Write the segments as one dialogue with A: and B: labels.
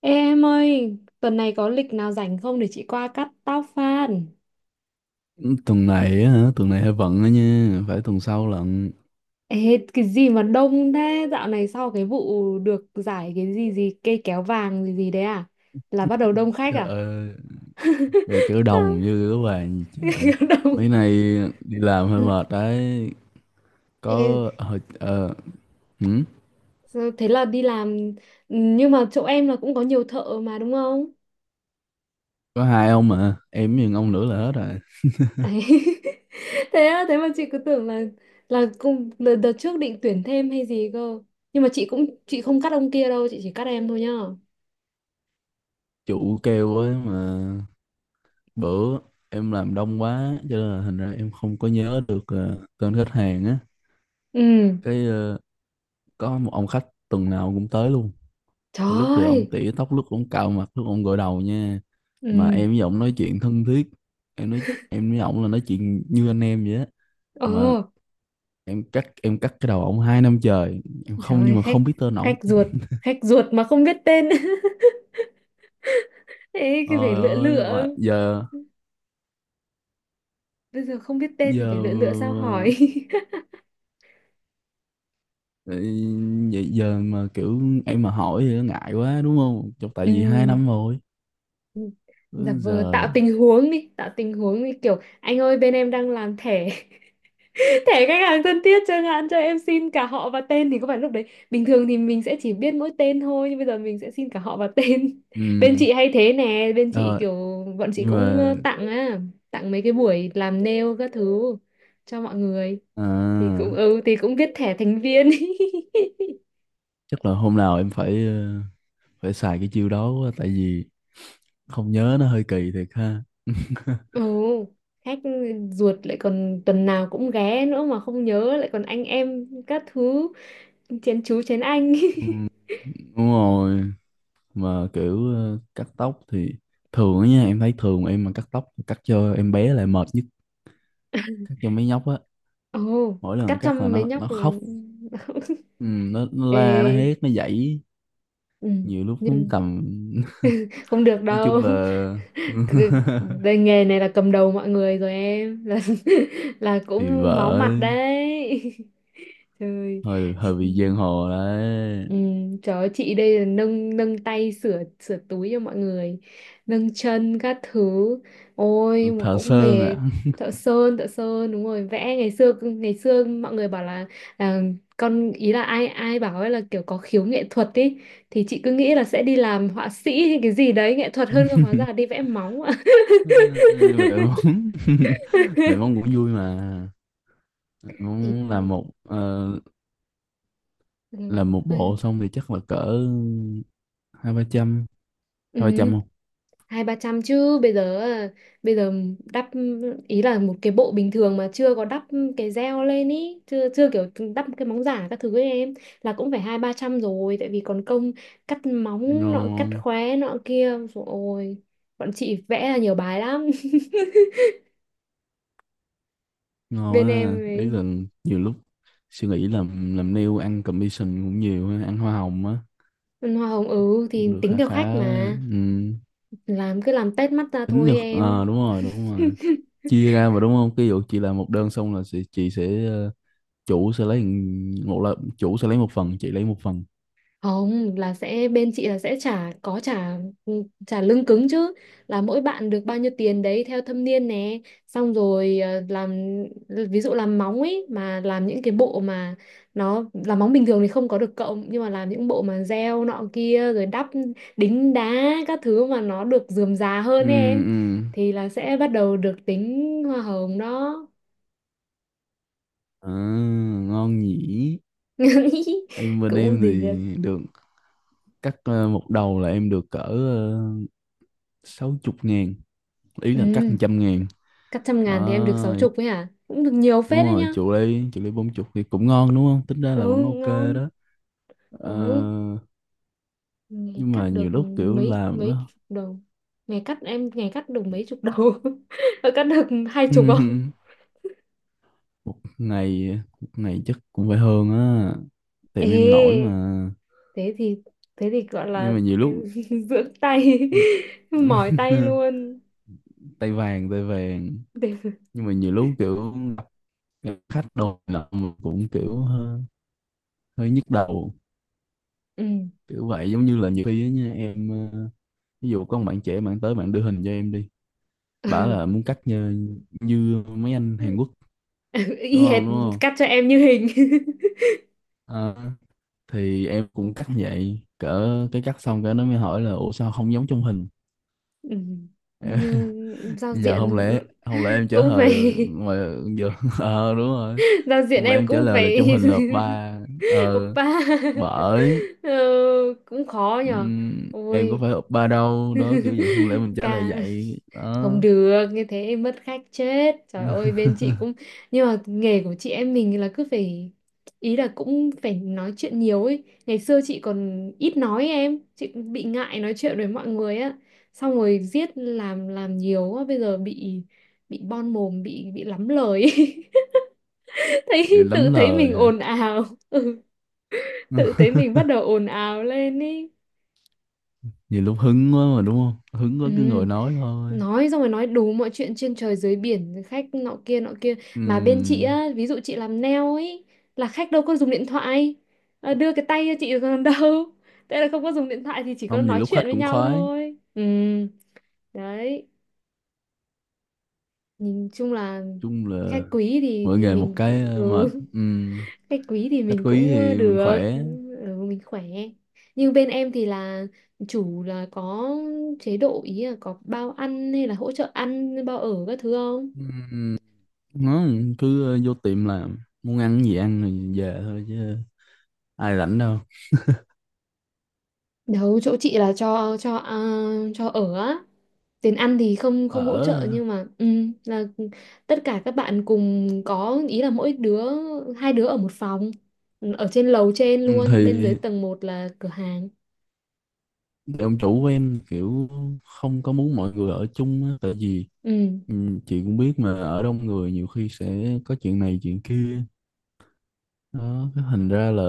A: Ê em ơi, tuần này có lịch nào rảnh không để chị qua cắt tóc fan?
B: Tuần này á? Hả, tuần này hơi bận á nha, phải tuần sau lận.
A: Ê, cái gì mà đông thế? Dạo này sau cái vụ được giải cái gì gì cây kéo vàng gì gì đấy à? Là bắt đầu đông khách
B: Trời
A: à?
B: ơi, về kiểu đồng như các bạn trời.
A: Đông.
B: Mấy nay đi làm hơi mệt đấy.
A: Ê,
B: Có hồi hử?
A: sao thế là đi làm nhưng mà chỗ em là cũng có nhiều thợ mà đúng không?
B: Có hai ông mà em với ông nữa là hết rồi.
A: Đấy. Thế á, thế mà chị cứ tưởng là cùng đợt, đợt trước định tuyển thêm hay gì cơ. Nhưng mà chị không cắt ông kia đâu, chị chỉ cắt em thôi nhá.
B: Chủ kêu ấy mà. Bữa em làm đông quá cho nên là thành ra em không có nhớ được tên khách hàng á.
A: Ừ,
B: cái ờ, có một ông khách tuần nào cũng tới luôn.
A: trời
B: Thì lúc thì ông
A: ơi.
B: tỉa tóc, lúc ông cạo mặt, lúc ông gội đầu nha. Mà
A: Ừ,
B: em với ông nói chuyện thân thiết. Em nói em với ông là nói chuyện như anh em vậy á.
A: ờ,
B: Mà em cắt cái đầu ông 2 năm trời em
A: trời
B: không, nhưng
A: ơi,
B: mà không biết tên ổng.
A: khách ruột, khách ruột mà không biết tên. Ê, cái phải
B: Ơi
A: lựa
B: ơi,
A: lựa.
B: mà giờ,
A: Bây giờ không biết tên thì phải
B: giờ
A: lựa lựa sao hỏi.
B: ờ, giờ mà kiểu em mà hỏi thì nó ngại quá đúng không? Chọc, tại
A: Ừ.
B: vì 2 năm rồi.
A: Ừ,
B: Úi
A: giả vờ tạo
B: giời.
A: tình huống đi, tạo tình huống đi kiểu anh ơi bên em đang làm thẻ, thẻ khách hàng thân thiết chẳng hạn, cho em xin cả họ và tên thì có phải lúc đấy bình thường thì mình sẽ chỉ biết mỗi tên thôi nhưng bây giờ mình sẽ xin cả họ và tên. Bên
B: Ừ,
A: chị hay thế nè, bên chị
B: rồi.
A: kiểu bọn chị
B: Nhưng
A: cũng
B: mà
A: tặng mấy cái buổi làm nail các thứ cho mọi người thì
B: à,
A: cũng viết thẻ thành viên.
B: chắc là hôm nào em phải phải xài cái chiêu đó quá, tại vì không nhớ nó hơi kỳ thiệt ha.
A: Ừ, khách ruột lại còn tuần nào cũng ghé nữa mà không nhớ, lại còn anh em các thứ, chén chú chén anh.
B: Ừ, đúng rồi. Mà kiểu cắt tóc thì thường á nha. Em thấy thường em mà cắt tóc, cắt cho em bé lại mệt nhất. Cắt cho mấy nhóc á,
A: Ồ,
B: mỗi
A: cắt
B: lần cắt là
A: trong mấy
B: nó
A: nhóc là
B: khóc. Ừ, nó la, nó
A: Ê,
B: hét, nó dãy.
A: ừ,
B: Nhiều lúc muốn
A: nhưng
B: cầm.
A: không được
B: Nói
A: đâu.
B: chung là
A: Cái- cái nghề này là cầm đầu mọi người rồi, em là là
B: thì
A: cũng máu
B: vợ
A: mặt đấy. Trời.
B: hơi, hơi bị giang hồ đấy.
A: Ừ, trời ơi, chị đây là nâng nâng tay sửa sửa túi cho mọi người, nâng chân các thứ, ôi mà
B: Thợ
A: cũng
B: sơn
A: mệt.
B: ạ.
A: Thợ sơn, thợ sơn đúng rồi, vẽ. Ngày xưa ngày xưa mọi người bảo là, là con ý, là ai ai bảo ấy là kiểu có khiếu nghệ thuật ý, thì chị cứ nghĩ là sẽ đi làm họa sĩ hay cái gì đấy nghệ thuật hơn cơ, hóa ra là đi vẽ móng ạ.
B: À, mẹ mong, mẹ mong cũng vui mà.
A: Thì
B: Muốn làm một
A: ừ,
B: làm một
A: hơi
B: bộ xong thì chắc là cỡ 2 3 trăm.
A: ừ.
B: 2 3 trăm không?
A: Hai ba trăm chứ bây giờ à, bây giờ đắp, ý là một cái bộ bình thường mà chưa có đắp cái gel lên ý, chưa chưa kiểu đắp cái móng giả các thứ ấy em là cũng phải hai ba trăm rồi, tại vì còn công cắt móng nọ cắt
B: Ngon,
A: khóe nọ kia rồi. Bọn chị vẽ là nhiều bài lắm.
B: ngon
A: Bên
B: á.
A: em
B: Ý
A: ấy.
B: là nhiều lúc suy nghĩ, làm nail ăn commission cũng nhiều ha, ăn hoa hồng á.
A: Hoa hồng, ừ thì
B: Cũng được
A: tính
B: khá
A: theo
B: khá
A: khách
B: á.
A: mà,
B: Ừ.
A: làm cứ làm tét mắt ra
B: Tính
A: thôi
B: được
A: em.
B: đúng rồi, đúng rồi. Chia ra mà đúng không? Ví dụ chị làm một đơn xong là chị sẽ chủ sẽ lấy, một là chủ sẽ lấy một phần, chị lấy một phần.
A: Không, là sẽ bên chị là sẽ trả, có trả, ừ, trả lương cứng chứ, là mỗi bạn được bao nhiêu tiền đấy theo thâm niên nè, xong rồi làm, ví dụ làm móng ấy mà làm những cái bộ mà nó làm móng bình thường thì không có được cộng nhưng mà làm những bộ mà gieo nọ kia rồi đắp đính đá các thứ mà nó được rườm rà hơn
B: Ừ.
A: ấy em
B: Ừ.
A: thì là sẽ bắt đầu được tính hoa hồng đó.
B: À, ngon nhỉ. Bên em
A: Cũng
B: thì
A: được.
B: được cắt một đầu là em được cỡ 60 ngàn. Ý là cắt
A: Ừ,
B: 100 ngàn.
A: cắt 100 ngàn thì em được sáu
B: Đó,
A: chục ấy hả, cũng được nhiều
B: đúng
A: phết đấy
B: rồi,
A: nhá.
B: chịu ly, chịu ly 40 thì cũng ngon đúng không? Tính ra
A: Ừ,
B: là vẫn ok.
A: ngon.
B: Đó. Ờ,
A: Ừ, ngày
B: nhưng mà
A: cắt được
B: nhiều lúc kiểu
A: mấy
B: làm
A: mấy
B: đó.
A: chục đầu, ngày cắt được mấy chục đầu. Ờ, cắt được 20 không?
B: Một ngày, một ngày chắc cũng phải hơn á. Tiệm em nổi
A: Ê,
B: mà.
A: thế thì thế thì gọi
B: Nhưng
A: là
B: mà nhiều
A: cái,
B: lúc
A: dưỡng tay. Mỏi tay luôn,
B: tay vàng, tay vàng.
A: để.
B: Nhưng mà nhiều lúc kiểu gặp khách đồ nọ mà cũng kiểu hơi nhức đầu.
A: Ừ.
B: Kiểu vậy, giống như là nhiều khi á nha em, ví dụ có một bạn trẻ, bạn tới bạn đưa hình cho em đi, bảo
A: Ừ.
B: là muốn cắt như mấy anh Hàn Quốc, đúng
A: Y hệt,
B: không, đúng không?
A: cắt cho em như hình.
B: Ờ, thì em cũng cắt như vậy, cỡ cái cắt xong cái nó mới hỏi là ủa sao không giống trong hình.
A: Ừ. Nhưng giao
B: Giờ không
A: diện
B: lẽ, không lẽ em trả
A: cũng phải
B: lời mà giờ đúng rồi,
A: giao diện
B: không lẽ
A: em
B: em trả
A: cũng
B: lời là
A: phải
B: trong hình là hợp ba. Ờ,
A: oppa.
B: bởi
A: Ờ, cũng khó nhở.
B: em có
A: Ôi.
B: phải hợp ba đâu, đó kiểu vậy, không lẽ mình trả lời
A: Ca
B: vậy
A: không
B: đó.
A: được như thế mất khách chết, trời ơi, bên chị cũng, nhưng mà nghề của chị em mình là cứ phải, ý là cũng phải nói chuyện nhiều ấy. Ngày xưa chị còn ít nói ấy, em, chị cũng bị ngại nói chuyện với mọi người á, xong rồi giết làm nhiều á, bây giờ bị bon mồm, bị lắm lời ấy.
B: Bị
A: Thấy
B: lắm
A: tự thấy mình
B: lời hả.
A: ồn ào. Ừ, tự thấy mình bắt đầu ồn ào lên ý.
B: Nhiều lúc hứng quá mà đúng không, hứng quá
A: Ừ.
B: cứ ngồi nói thôi.
A: Nói xong rồi nói đủ mọi chuyện trên trời dưới biển, khách nọ kia nọ kia. Mà bên chị
B: Ừm,
A: á, ví dụ chị làm nail ấy là khách đâu có dùng điện thoại. Ờ, đưa cái tay cho chị còn đâu, thế là không có dùng điện thoại thì chỉ có
B: không, nhiều
A: nói
B: lúc
A: chuyện
B: khách
A: với
B: cũng
A: nhau
B: khoái.
A: thôi, ừ. Đấy, nhìn chung là
B: Chung là
A: khách quý thì
B: mỗi
A: thì
B: nghề một
A: mình
B: cái
A: cứ- ừ.
B: mệt.
A: Khách quý thì
B: Khách
A: mình
B: có ý
A: cũng
B: thì mình
A: được,
B: khỏe.
A: ừ, mình khỏe. Nhưng bên em thì là chủ là có chế độ, ý là có bao ăn hay là hỗ trợ ăn, bao ở các thứ không?
B: Ừm, nó cứ vô tiệm làm, muốn ăn gì ăn rồi về thôi chứ, ai rảnh đâu
A: Đâu, chỗ chị là cho ở á. Tiền ăn thì không không hỗ trợ
B: ở.
A: nhưng mà ừ, là tất cả các bạn cùng có, ý là mỗi đứa hai đứa ở một phòng, ở trên lầu, trên
B: Ừ, thì
A: luôn, bên dưới tầng một là cửa hàng.
B: ông chủ của em kiểu không có muốn mọi người ở chung á, tại vì,
A: Ừ.
B: ừ, chị cũng biết mà ở đông người nhiều khi sẽ có chuyện này chuyện kia. Đó, cái thành ra là,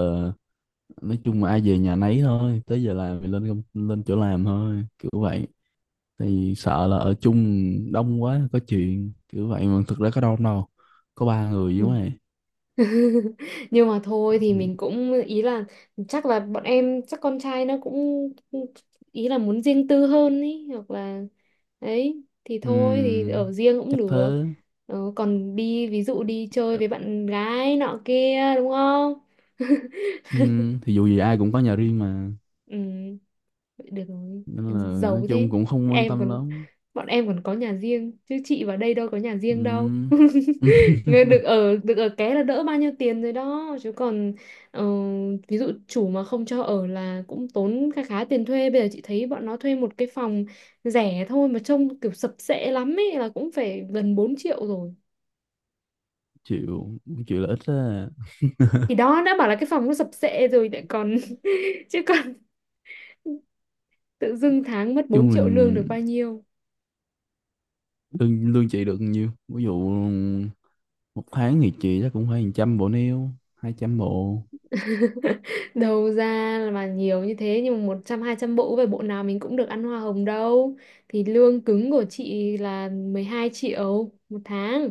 B: nói chung mà ai về nhà nấy thôi, tới giờ làm thì lên lên chỗ làm thôi, kiểu vậy. Thì sợ là ở chung đông quá có chuyện kiểu vậy, mà thực ra có đông đâu, có 3 người chứ
A: Ừ.
B: mày.
A: Nhưng mà thôi thì mình cũng, ý là chắc là bọn em, chắc con trai nó cũng ý là muốn riêng tư hơn ý, hoặc là ấy thì thôi thì
B: Ừm,
A: ở riêng cũng
B: chắc
A: được.
B: thế.
A: Ờ, còn ví dụ đi chơi với bạn gái nọ kia đúng không?
B: Thì dù gì ai cũng có nhà riêng mà,
A: Ừ. Vậy được rồi.
B: nên là nói
A: Giàu
B: chung
A: thế.
B: cũng không quan
A: Em
B: tâm
A: còn
B: lắm.
A: bọn em còn có nhà riêng chứ chị vào đây đâu có nhà riêng đâu.
B: Ừm.
A: Người được ở ké là đỡ bao nhiêu tiền rồi đó chứ còn ờ, ví dụ chủ mà không cho ở là cũng tốn khá khá tiền thuê. Bây giờ chị thấy bọn nó thuê một cái phòng rẻ thôi mà trông kiểu sập sệ lắm ấy là cũng phải gần 4 triệu rồi.
B: Chịu, chịu là ít á.
A: Thì đó, đã bảo là cái phòng nó sập sệ rồi lại còn chứ còn tự dưng tháng mất bốn
B: Chung là
A: triệu lương được bao nhiêu?
B: lương lương chị được nhiêu, ví dụ một tháng thì chị chắc cũng phải 100 bộ nail, 200 bộ.
A: Đầu ra mà nhiều như thế nhưng mà 100-200 bộ về bộ nào mình cũng được ăn hoa hồng đâu, thì lương cứng của chị là 12 triệu một tháng,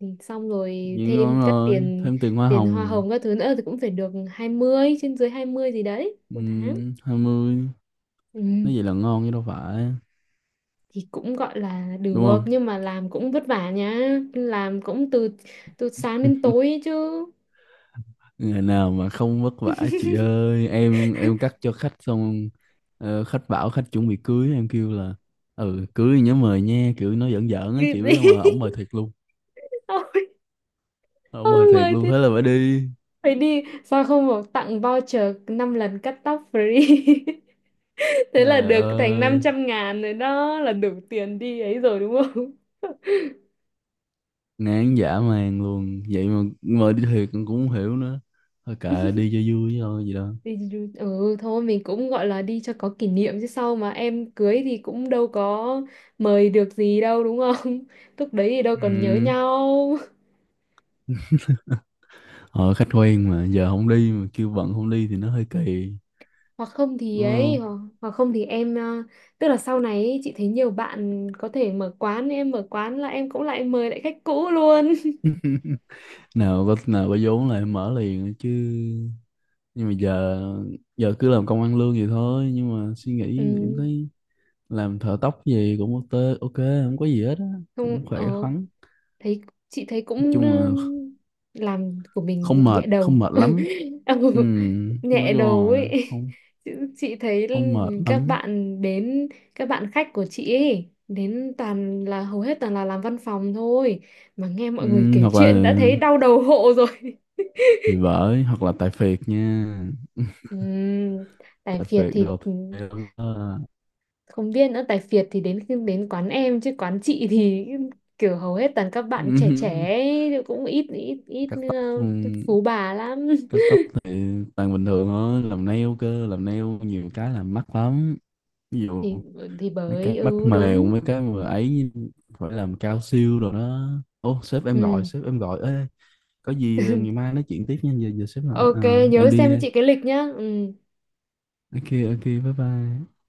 A: thì xong rồi
B: Nhưng
A: thêm
B: ngon,
A: các
B: rồi
A: tiền,
B: thêm tiền hoa
A: hoa
B: hồng.
A: hồng các thứ nữa thì cũng phải được 20, trên dưới 20 gì đấy một tháng.
B: Um, 20.
A: Ừ.
B: Nói vậy là ngon chứ đâu phải,
A: Thì cũng gọi là
B: đúng
A: được
B: không?
A: nhưng mà làm cũng vất vả nhá. Làm cũng từ từ sáng đến tối ấy chứ.
B: Ngày nào mà không vất vả chị ơi. Em cắt cho khách xong, khách bảo khách chuẩn bị cưới, em kêu là ừ cưới nhớ mời nha, kiểu nói giỡn giỡn á
A: Cái
B: chị biết
A: gì?
B: không, mà ổng mời thiệt luôn.
A: Ôi,
B: Ổng mời
A: Ôi,
B: thiệt
A: mười
B: luôn, thế là phải đi.
A: phải đi sao không bảo tặng voucher 5 lần cắt tóc free? Thế là
B: Trời
A: được thành năm
B: ơi,
A: trăm ngàn rồi, đó là đủ tiền đi ấy rồi đúng không?
B: ngán dã man luôn. Vậy mà đi thiệt, con cũng không hiểu nữa. Thôi kệ, đi cho vui thôi gì đó.
A: Đi du- ừ thôi, mình cũng gọi là đi cho có kỷ niệm chứ sau mà em cưới thì cũng đâu có mời được gì đâu, đúng không? Lúc đấy thì đâu
B: Ừ.
A: còn nhớ nhau.
B: Họ khách quen mà giờ không đi mà kêu bận không đi thì nó hơi kỳ,
A: hoặc không thì
B: đúng
A: ấy
B: không?
A: hoặc, hoặc không thì em, ờ, tức là sau này ấy, chị thấy nhiều bạn có thể mở quán, em mở quán là em cũng lại mời lại khách cũ luôn.
B: Nào có, nào có vốn lại mở liền chứ. Nhưng mà giờ, giờ cứ làm công ăn lương vậy thôi. Nhưng mà suy
A: Ừ,
B: nghĩ em thấy làm thợ tóc gì cũng ok, ok không có gì hết á, cũng
A: không, ờ,
B: khỏe khoắn.
A: thấy, chị thấy
B: Nói
A: cũng
B: chung
A: ừ,
B: là
A: làm của mình
B: không mệt,
A: nhẹ
B: không
A: đầu.
B: mệt lắm.
A: Ừ,
B: Ừ, nói
A: nhẹ
B: chung
A: đầu
B: là
A: ấy.
B: không,
A: chị, chị thấy
B: không mệt
A: các
B: lắm.
A: bạn đến, các bạn khách của chị ấy đến toàn là, hầu hết toàn là làm văn phòng thôi, mà nghe mọi người
B: Ừ,
A: kể
B: hoặc
A: chuyện đã
B: là,
A: thấy đau đầu hộ rồi.
B: thì bởi hoặc là tại phiệt nha.
A: Ừm, tài
B: Tại
A: phiệt
B: phiệt
A: thì
B: đồ, theo đó.
A: không biết nữa, tài phiệt thì đến khi đến quán em chứ quán chị thì kiểu hầu hết toàn các bạn trẻ trẻ
B: Ừm,
A: ấy, cũng ít ít ít
B: cắt tóc
A: ờ,
B: ừm,
A: phú bà lắm.
B: cắt tóc thì toàn bình thường thôi, làm nail cơ, làm nail nhiều cái làm mắc lắm. Ví dụ
A: Thì ừ, thì
B: mấy
A: bởi
B: cái mắt
A: ừ
B: mèo,
A: đúng
B: mấy cái mà ấy, phải làm cao siêu rồi đó. Ô, sếp em gọi,
A: ừ.
B: sếp em gọi. Ê, có gì ngày mai nói chuyện tiếp nha, giờ giờ sếp gọi
A: Ok,
B: à. Em
A: nhớ
B: đi
A: xem cho
B: đây.
A: chị cái lịch nhá, ừ.
B: Ok, ok, bye bye.